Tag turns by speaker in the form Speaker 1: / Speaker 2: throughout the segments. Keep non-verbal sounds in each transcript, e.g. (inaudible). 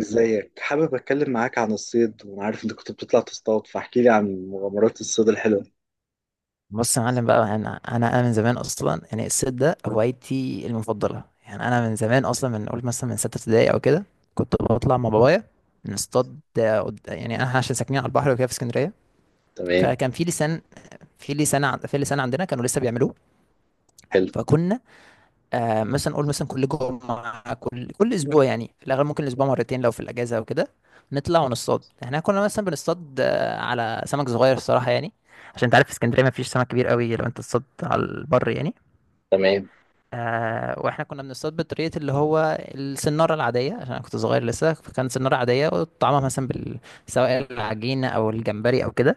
Speaker 1: ازيك؟ حابب اتكلم معاك عن الصيد، وانا عارف انت كنت بتطلع تصطاد، فاحكي لي عن مغامرات الصيد الحلوه.
Speaker 2: بص يا معلم بقى انا من زمان اصلا يعني الصيد ده هوايتي المفضله، يعني انا من زمان اصلا من قلت مثلا من سته ابتدائي او كده كنت بطلع مع بابايا نصطاد. يعني انا عشان ساكنين على البحر وكده في اسكندريه،
Speaker 1: تمام.
Speaker 2: فكان في لسان، في لسان عندنا كانوا لسه بيعملوه.
Speaker 1: حلو.
Speaker 2: فكنا مثلا نقول مثلا كل جمعه، كل اسبوع يعني في الاغلب ممكن الاسبوع مرتين لو في الاجازه او كده نطلع ونصطاد. احنا كنا مثلا بنصطاد على سمك صغير الصراحه، يعني عشان انت عارف في اسكندريه ما فيش سمك كبير قوي لو انت تصطاد على البر يعني.
Speaker 1: تمام.
Speaker 2: واحنا كنا بنصطاد بطريقه اللي هو السناره العاديه عشان انا كنت صغير لسه، فكان سناره عاديه وطعمها مثلا سواء العجينه او الجمبري او كده.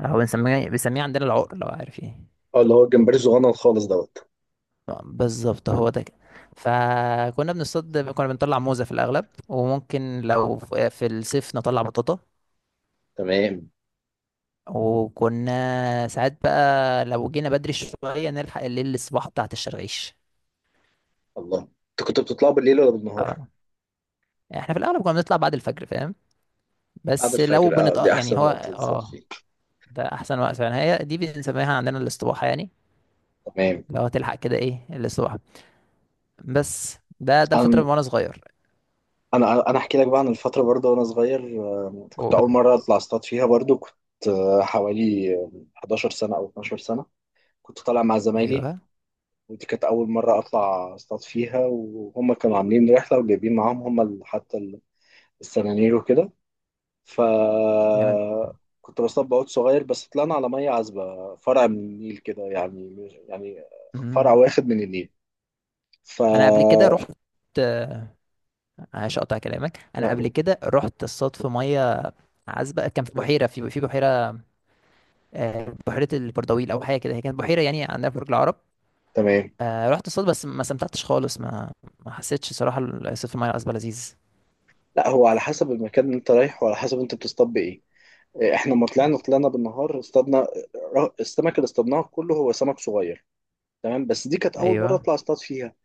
Speaker 2: هو بنسميه عندنا العقر، لو عارف ايه.
Speaker 1: اه، اللي هو الجمبري الصغنن خالص دوت.
Speaker 2: بالظبط هو ده كده. فكنا بنصطاد، كنا بنطلع موزه في الاغلب، وممكن لو في الصيف نطلع بطاطا.
Speaker 1: تمام.
Speaker 2: وكنا ساعات بقى لو جينا بدري شويه نلحق الليل الصباح بتاعت الشرغيش.
Speaker 1: الله. انت كنت بتطلع بالليل ولا بالنهار؟
Speaker 2: اه، احنا في الاغلب كنا بنطلع بعد الفجر فاهم،
Speaker 1: بعد
Speaker 2: بس لو
Speaker 1: الفجر. اه،
Speaker 2: بنت
Speaker 1: دي
Speaker 2: يعني
Speaker 1: احسن
Speaker 2: هو
Speaker 1: وقت تصطاد فيه.
Speaker 2: ده احسن وقت فعلا. هي دي بنسميها عندنا الاستباحه يعني،
Speaker 1: تمام.
Speaker 2: لو هتلحق كده ايه الاستباحه، بس ده الفتره
Speaker 1: انا
Speaker 2: من وانا صغير.
Speaker 1: انا احكي لك بقى عن الفتره، برضه وانا صغير، كنت اول
Speaker 2: قول.
Speaker 1: مره اطلع اصطاد فيها، برضه كنت حوالي 11 سنه او 12 سنه، كنت طالع مع زمايلي.
Speaker 2: ايوه.
Speaker 1: ودي كانت أول مرة أطلع أصطاد فيها، وهم كانوا عاملين رحلة وجايبين معاهم حتى السنانير وكده. ف
Speaker 2: جامد.
Speaker 1: كنت بصطاد بعود صغير، بس طلعنا على مية عذبة، فرع من النيل كده، يعني يعني فرع
Speaker 2: أمم.
Speaker 1: واخد من النيل. ف
Speaker 2: انا قبل كده رحت. آه، عشان اقطع كلامك،
Speaker 1: لا،
Speaker 2: انا قبل
Speaker 1: قول.
Speaker 2: كده رحت اصطاد في ميه عذبه. كان في بحيره، في بحيره بحيره البردويل او حاجه كده. هي كانت بحيره يعني عندنا في برج العرب.
Speaker 1: تمام.
Speaker 2: رحت اصطاد بس ما استمتعتش خالص، ما حسيتش صراحه الصيد في الميه العذبه لذيذ.
Speaker 1: لا، هو على حسب المكان اللي انت رايح، وعلى حسب انت بتصطاد بايه. إيه، احنا ما طلعنا طلعنا بالنهار، اصطادنا السمك اللي اصطادناه كله هو سمك صغير. تمام، بس دي كانت اول مره
Speaker 2: ايوه.
Speaker 1: اطلع اصطاد فيها.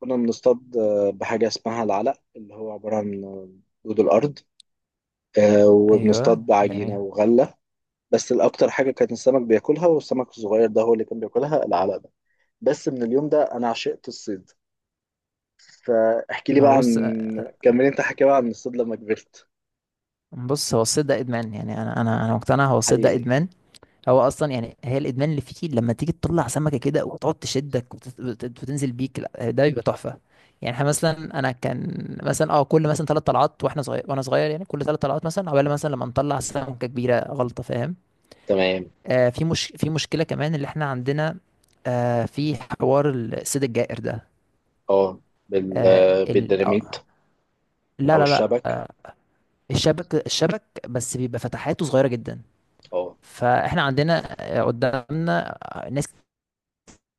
Speaker 1: كنا بنصطاد بحاجة اسمها العلق، اللي هو عبارة عن دود الأرض. وبنصطاد
Speaker 2: ايوه
Speaker 1: بعجينة
Speaker 2: جميل.
Speaker 1: وغلة. بس الأكتر حاجة كان السمك بياكلها، والسمك الصغير ده هو اللي كان بياكلها العلق ده. بس من اليوم ده أنا عشقت الصيد. فاحكي لي بقى
Speaker 2: هو
Speaker 1: عن،
Speaker 2: بص.
Speaker 1: كمل أنت، حكي بقى عن الصيد لما كبرت.
Speaker 2: بص، هو الصيد ده ادمان. يعني انا مقتنع هو الصيد ده
Speaker 1: حقيقي.
Speaker 2: ادمان. هو اصلا يعني هي الادمان اللي فيه لما تيجي تطلع سمكه كده وتقعد تشدك وتنزل بيك لا، ده بيبقى تحفه. يعني احنا مثلا انا كان مثلا كل مثلا ثلاث طلعات، واحنا صغير وانا صغير يعني، كل ثلاث طلعات مثلا عقبال مثلا لما نطلع سمكه كبيره غلطه، فاهم.
Speaker 1: تمام.
Speaker 2: مش في مشكله كمان اللي احنا عندنا. في حوار الصيد الجائر ده.
Speaker 1: اه، بال
Speaker 2: آه ال...
Speaker 1: بالديناميت
Speaker 2: آه لا
Speaker 1: او
Speaker 2: لا لا.
Speaker 1: الشبك.
Speaker 2: الشبك، الشبك بس بيبقى فتحاته صغيرة جدا.
Speaker 1: اه.
Speaker 2: فاحنا عندنا، قدامنا ناس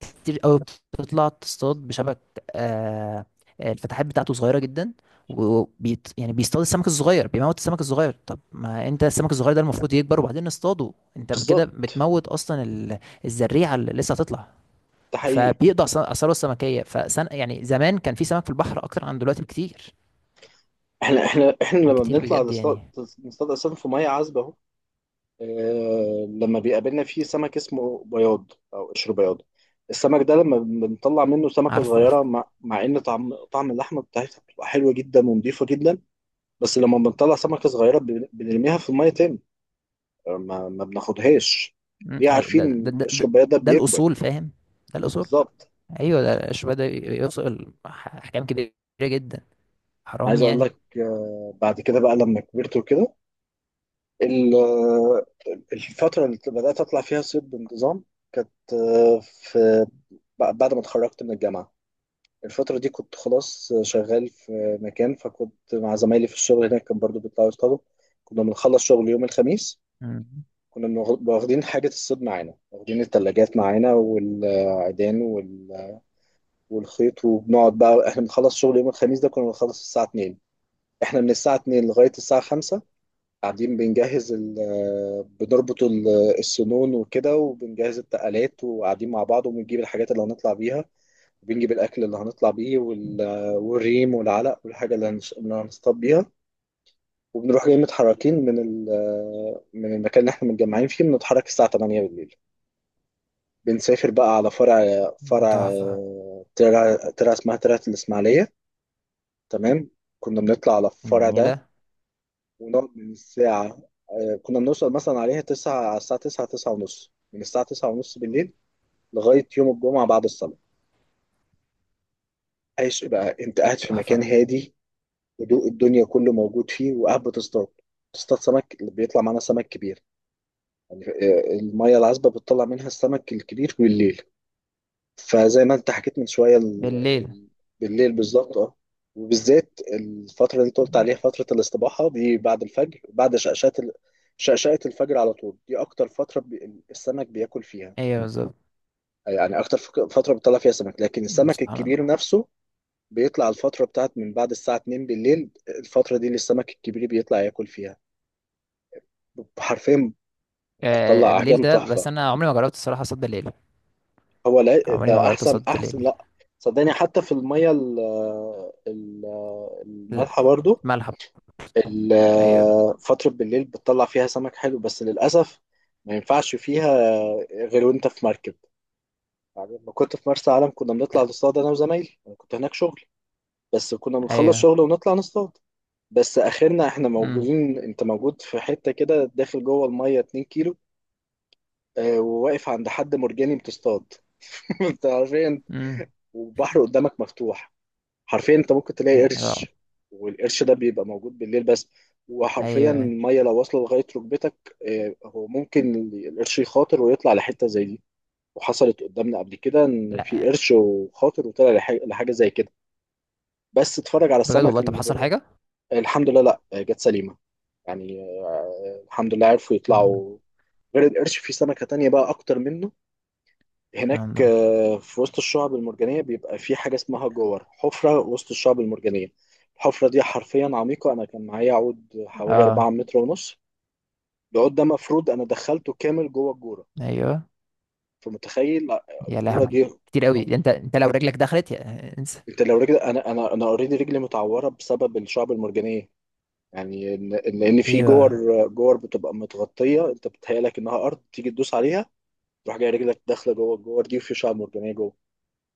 Speaker 2: كتير قوي بتطلع تصطاد بشبك، آه، الفتحات بتاعته صغيرة جدا. وبيت يعني بيصطاد السمك الصغير، بيموت السمك الصغير. طب ما انت السمك الصغير ده المفروض يكبر وبعدين نصطاده، انت كده
Speaker 1: بالظبط.
Speaker 2: بتموت اصلا الزريعة اللي لسه هتطلع.
Speaker 1: ده حقيقي.
Speaker 2: فبيقضي على اثاره السمكية، فسن يعني زمان كان في سمك في البحر اكتر عن دلوقتي بكتير،
Speaker 1: احنا لما
Speaker 2: بكتير
Speaker 1: بنطلع
Speaker 2: بجد
Speaker 1: نصطاد،
Speaker 2: يعني.
Speaker 1: نصطاد أساسا في مية عذبة أهو. لما بيقابلنا فيه سمك اسمه بياض او قشر بياض، السمك ده لما بنطلع منه سمكة
Speaker 2: عارف، عارف.
Speaker 1: صغيرة، مع ان طعم اللحمة بتاعتها بتبقى حلوة جدا ونضيفة جدا، بس لما بنطلع سمكة صغيرة بنرميها في المية تاني. ما بناخدهاش.
Speaker 2: مم،
Speaker 1: ليه؟
Speaker 2: أي
Speaker 1: عارفين قشر البياض ده
Speaker 2: ده
Speaker 1: بيكبر.
Speaker 2: الأصول فاهم. ده الأصول.
Speaker 1: بالظبط.
Speaker 2: أيوه ده الشباب ده يوصل أحكام كبيرة جدا. حرام
Speaker 1: عايز اقول
Speaker 2: يعني.
Speaker 1: لك، بعد كده بقى لما كبرت وكده، ال- آه، الفترة اللي بدأت اطلع فيها صيد بانتظام كانت بعد ما اتخرجت من الجامعة. الفترة دي كنت خلاص شغال في مكان، فكنت مع زمايلي في الشغل، هناك كان برضو بيطلعوا يصطادوا. كنا بنخلص شغل يوم الخميس،
Speaker 2: مم.
Speaker 1: كنا واخدين حاجة الصيد معانا، واخدين التلاجات معانا والعيدان والخيط، وبنقعد بقى. احنا بنخلص شغل يوم الخميس ده كنا بنخلص الساعة 2، احنا من الساعة 2 لغاية الساعة 5 قاعدين بنجهز بنربط السنون وكده، وبنجهز التقالات، وقاعدين مع بعض، وبنجيب الحاجات اللي هنطلع بيها، وبنجيب الاكل اللي هنطلع بيه والريم والعلق والحاجه اللي هنصطاد بيها. وبنروح جاي متحركين من المكان اللي احنا متجمعين فيه، بنتحرك الساعه 8 بالليل، بنسافر بقى على فرع فرع
Speaker 2: تحفة.
Speaker 1: ترع ترع اسمها ترعة الاسماعيليه. تمام. كنا بنطلع على الفرع ده
Speaker 2: جميلة.
Speaker 1: ونقعد من الساعه، كنا بنوصل مثلا عليها 9، على الساعه 9، 9 ونص، من الساعه 9 ونص بالليل لغايه يوم الجمعه بعد الصلاه. عايش بقى، انت قاعد في مكان
Speaker 2: تحفة.
Speaker 1: هادي، هدوء الدنيا كله موجود فيه، وقاعد بتصطاد. تصطاد سمك، اللي بيطلع معانا سمك كبير، يعني المية العذبة بتطلع منها السمك الكبير بالليل. فزي ما انت حكيت من شوية،
Speaker 2: بالليل.
Speaker 1: ال... بالليل، بالظبط. اه. وبالذات الفترة اللي انت قلت عليها،
Speaker 2: أيوه.
Speaker 1: فترة الاستباحة دي بعد الفجر، بعد شقشقة شقشقة الفجر على طول، دي أكتر فترة السمك بياكل فيها،
Speaker 2: أيوه بالظبط.
Speaker 1: يعني أكتر فترة بيطلع فيها سمك. لكن
Speaker 2: مم،
Speaker 1: السمك
Speaker 2: سبحان
Speaker 1: الكبير
Speaker 2: الله.
Speaker 1: نفسه بيطلع الفترة بتاعت من بعد الساعة 2 بالليل، الفترة دي اللي السمك الكبير بيطلع ياكل فيها حرفيا. بتطلع
Speaker 2: بالليل
Speaker 1: احجام
Speaker 2: ده، بس
Speaker 1: تحفه.
Speaker 2: أنا عمري ما جربت الصراحة صد بالليل.
Speaker 1: هو لا،
Speaker 2: عمري ما
Speaker 1: ده
Speaker 2: جربت
Speaker 1: احسن،
Speaker 2: صد
Speaker 1: احسن.
Speaker 2: بالليل.
Speaker 1: لا صدقني، حتى في الميه ال- المالحه برضو،
Speaker 2: الملح. أيوه.
Speaker 1: فتره بالليل بتطلع فيها سمك حلو، بس للاسف ما ينفعش فيها غير وانت في مركب. يعني لما كنت في مرسى علم كنا بنطلع نصطاد، انا وزمايلي، انا كنت هناك شغل، بس كنا بنخلص
Speaker 2: أيوه.
Speaker 1: شغل ونطلع نصطاد. بس اخرنا احنا
Speaker 2: امم.
Speaker 1: موجودين، انت موجود في حته كده، داخل جوه الميه 2 كيلو، وواقف عند حد مرجاني بتصطاد. (laughs) انت عارفين،
Speaker 2: امم.
Speaker 1: والبحر قدامك مفتوح، حرفيا انت ممكن تلاقي
Speaker 2: رعب.
Speaker 1: قرش، والقرش ده بيبقى موجود بالليل بس. وحرفيا
Speaker 2: أيوه.
Speaker 1: الميه لو واصله لغايه ركبتك، اه، هو ممكن القرش يخاطر ويطلع لحته زي دي. وحصلت قدامنا قبل كده ان في
Speaker 2: لا،
Speaker 1: قرش، وخاطر وطلع لحاجه زي كده، بس اتفرج على
Speaker 2: بجد
Speaker 1: السمك
Speaker 2: والله؟ طب
Speaker 1: اللي
Speaker 2: حصل
Speaker 1: بيبقى.
Speaker 2: حاجة؟
Speaker 1: الحمد لله، لا، اه، جت سليمه، يعني، اه، الحمد لله عرفوا
Speaker 2: مم،
Speaker 1: يطلعوا. غير القرش، في سمكه تانية بقى اكتر منه هناك،
Speaker 2: الحمد لله.
Speaker 1: في وسط الشعب المرجانية بيبقى في حاجة اسمها جور، حفرة وسط الشعب المرجانية. الحفرة دي حرفيا عميقة، أنا كان معايا عود حوالي 4
Speaker 2: اه.
Speaker 1: متر ونص، العود ده مفروض أنا دخلته كامل جوه الجورة،
Speaker 2: ايوه.
Speaker 1: فمتخيل.
Speaker 2: يا
Speaker 1: الجورة دي،
Speaker 2: لهوي، كتير قوي
Speaker 1: عم-
Speaker 2: ده. انت لو رجلك دخلت يا انسى.
Speaker 1: أنت لو رجل، أنا أوريدي رجلي متعورة بسبب الشعب المرجانية. يعني لأن في
Speaker 2: ايوه.
Speaker 1: جور، جور بتبقى متغطية، أنت بتهيألك إنها أرض، تيجي تدوس عليها تروح جاي رجلك داخلة جوه الجور دي، وفي شعب مرجانية جوه،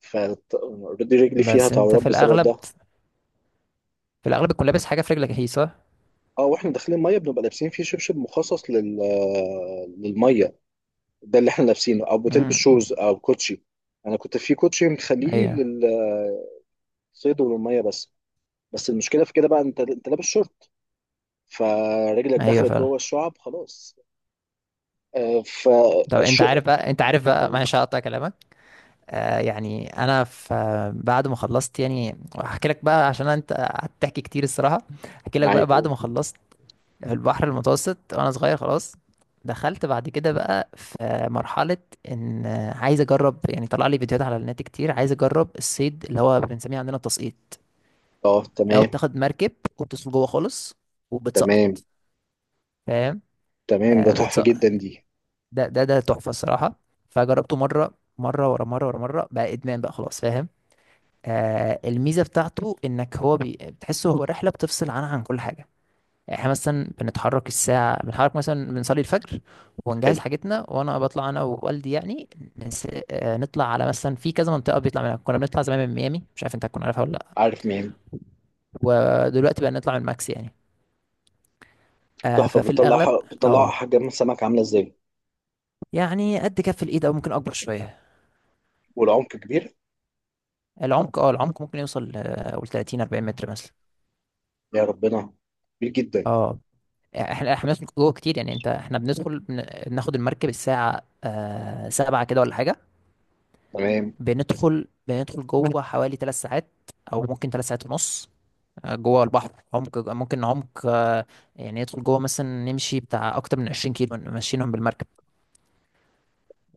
Speaker 1: فاوريدي رجلي فيها
Speaker 2: بس انت
Speaker 1: تعورات
Speaker 2: في
Speaker 1: بسبب
Speaker 2: الاغلب
Speaker 1: ده.
Speaker 2: في الاغلب تكون لابس حاجه في رجلك، هي صح.
Speaker 1: اه، واحنا داخلين ميه بنبقى لابسين فيه شبشب مخصص للميه، ده اللي احنا لابسينه، او بتلبس شوز
Speaker 2: امم.
Speaker 1: او كوتشي. انا كنت في كوتشي مخليه
Speaker 2: ايوه.
Speaker 1: للصيد والميه بس. بس المشكله في كده بقى، انت لابس شورت، فرجلك
Speaker 2: ايوه
Speaker 1: دخلت جوه
Speaker 2: فعلا.
Speaker 1: الشعب خلاص. آه، ف
Speaker 2: طب انت
Speaker 1: الش-
Speaker 2: عارف بقى، انت عارف بقى،
Speaker 1: أقول.
Speaker 2: معلش هقطع كلامك. يعني انا في بعد ما خلصت يعني هحكي لك بقى، عشان انت قعدت تحكي كتير الصراحه، هحكي لك بقى
Speaker 1: معاك،
Speaker 2: بعد
Speaker 1: قول.
Speaker 2: ما خلصت في البحر المتوسط وانا صغير خلاص. دخلت بعد كده بقى في مرحلة ان عايز اجرب يعني، طلع لي فيديوهات على النت كتير، عايز اجرب الصيد اللي هو بنسميه عندنا التسقيط،
Speaker 1: اه،
Speaker 2: اللي هو
Speaker 1: تمام،
Speaker 2: بتاخد مركب وبتدخل جوه خالص وبتسقط
Speaker 1: تمام،
Speaker 2: فاهم.
Speaker 1: تمام، ده تحفه
Speaker 2: بتسقط.
Speaker 1: جدا دي.
Speaker 2: ده تحفة الصراحة. فجربته مرة ورا مرة ورا مرة، بقى ادمان بقى خلاص فاهم. الميزة بتاعته انك هو بتحسه هو رحلة بتفصل عنها عن كل حاجة. يعني احنا مثلا بنتحرك مثلا، بنصلي الفجر ونجهز
Speaker 1: حلو.
Speaker 2: حاجتنا وانا بطلع انا ووالدي يعني. نس... آه، نطلع على مثلا في كذا منطقة بيطلع منها. كنا بنطلع زمان من ميامي، مش عارف انت هتكون عارفها ولا لا،
Speaker 1: عارف مين.
Speaker 2: ودلوقتي بقى نطلع من ماكس يعني.
Speaker 1: تحفه.
Speaker 2: ففي الاغلب
Speaker 1: بتطلع
Speaker 2: اه
Speaker 1: احجام السمك عامله ازاي؟
Speaker 2: يعني قد كف الايد او ممكن اكبر شوية.
Speaker 1: والعمق كبير؟
Speaker 2: العمق، ممكن يوصل قول 30 40 متر مثلا.
Speaker 1: يا ربنا، كبير جدا.
Speaker 2: اه. احنا بندخل جوه كتير يعني، انت احنا بناخد المركب الساعة سبعة كده ولا حاجة.
Speaker 1: تمام.
Speaker 2: بندخل جوه حوالي ثلاث ساعات او ممكن ثلاث ساعات ونص. جوه البحر، عمق يعني ندخل جوه مثلا، نمشي بتاع اكتر من 20 كيلو ماشيينهم بالمركب.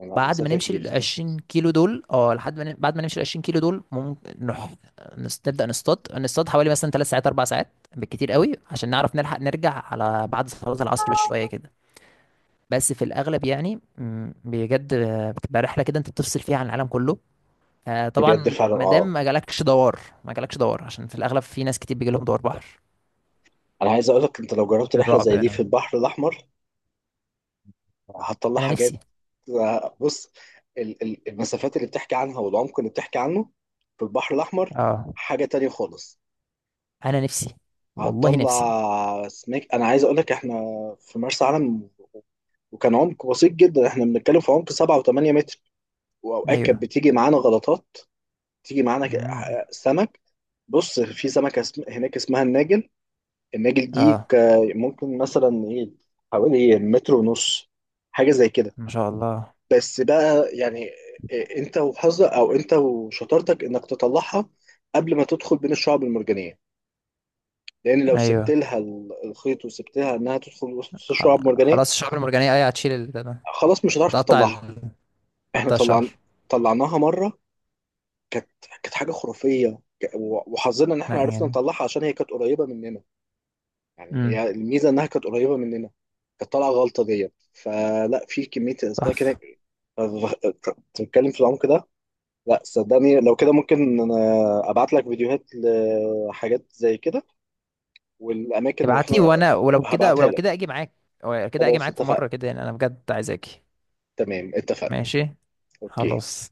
Speaker 1: انا،
Speaker 2: بعد ما
Speaker 1: مسافه
Speaker 2: نمشي
Speaker 1: كبيره.
Speaker 2: ال 20 كيلو دول، اه لحد ما ن- بعد ما نمشي ال 20 كيلو دول ممكن نروح نبدا نصطاد حوالي مثلا ثلاث ساعات اربع ساعات بالكتير قوي، عشان نعرف نلحق نرجع على بعد صلاه العصر بشويه كده. بس في الاغلب يعني، بجد بتبقى رحله كده انت بتفصل فيها عن العالم كله.
Speaker 1: بجد
Speaker 2: طبعا
Speaker 1: فعلا،
Speaker 2: ما دام
Speaker 1: اه.
Speaker 2: ما جالكش دوار، ما جالكش دوار، عشان في الاغلب في ناس كتير بيجي لهم دوار بحر.
Speaker 1: انا عايز اقول لك، انت لو جربت
Speaker 2: من
Speaker 1: رحله
Speaker 2: الرعب
Speaker 1: زي دي في
Speaker 2: منهم.
Speaker 1: البحر الاحمر، هتطلع
Speaker 2: انا
Speaker 1: حاجات.
Speaker 2: نفسي.
Speaker 1: بص، المسافات اللي بتحكي عنها والعمق اللي بتحكي عنه في البحر الاحمر
Speaker 2: اه
Speaker 1: حاجه تانية خالص.
Speaker 2: انا نفسي، والله نفسي.
Speaker 1: هتطلع سمك، انا عايز اقول لك احنا في مرسى علم، وكان عمق بسيط جدا، احنا بنتكلم في عمق 7 و8 متر، واوقات كانت
Speaker 2: ايوه.
Speaker 1: بتيجي معانا غلطات، تيجي معانا
Speaker 2: امم.
Speaker 1: سمك. بص، في سمكه هناك اسمها الناجل، النجل دي
Speaker 2: اه.
Speaker 1: ممكن مثلا ايه، حوالي متر ونص، حاجه زي كده.
Speaker 2: ما شاء الله.
Speaker 1: بس بقى يعني، إيه، انت وحظك او انت وشطارتك انك تطلعها قبل ما تدخل بين الشعب المرجانيه، لان لو سبت
Speaker 2: ايوه.
Speaker 1: لها الخيط، وسبت لها انها تدخل وسط الشعب المرجانيه
Speaker 2: خلاص الشعب المرجانيه، ايوه هتشيل ال- ده ده.
Speaker 1: خلاص مش هتعرف
Speaker 2: هتقطع
Speaker 1: تطلعها.
Speaker 2: ال...
Speaker 1: احنا
Speaker 2: هتقطع الشعر.
Speaker 1: طلعنا، طلعناها مره، كانت كانت حاجه خرافيه، وحظنا ان
Speaker 2: لا
Speaker 1: احنا عرفنا
Speaker 2: يعني.
Speaker 1: نطلعها عشان هي كانت قريبه مننا، يعني
Speaker 2: امم.
Speaker 1: هي الميزه انها كانت قريبه مننا. كانت طالعه غلطه ديت، فلا، في كميه الاسماك
Speaker 2: تحفه.
Speaker 1: هناك تتكلم في العمق ده. لا صدقني، لو كده ممكن انا ابعت لك فيديوهات لحاجات زي كده، والاماكن اللي
Speaker 2: ابعت
Speaker 1: رحنا
Speaker 2: لي، وانا ولو كده،
Speaker 1: هبعتها
Speaker 2: ولو كده
Speaker 1: لك.
Speaker 2: اجي معاك. ولو كده اجي
Speaker 1: خلاص،
Speaker 2: معاك في مره
Speaker 1: اتفقنا.
Speaker 2: كده يعني، انا بجد عايز اجي.
Speaker 1: تمام، اتفقنا.
Speaker 2: ماشي.
Speaker 1: اوكي.
Speaker 2: خلاص.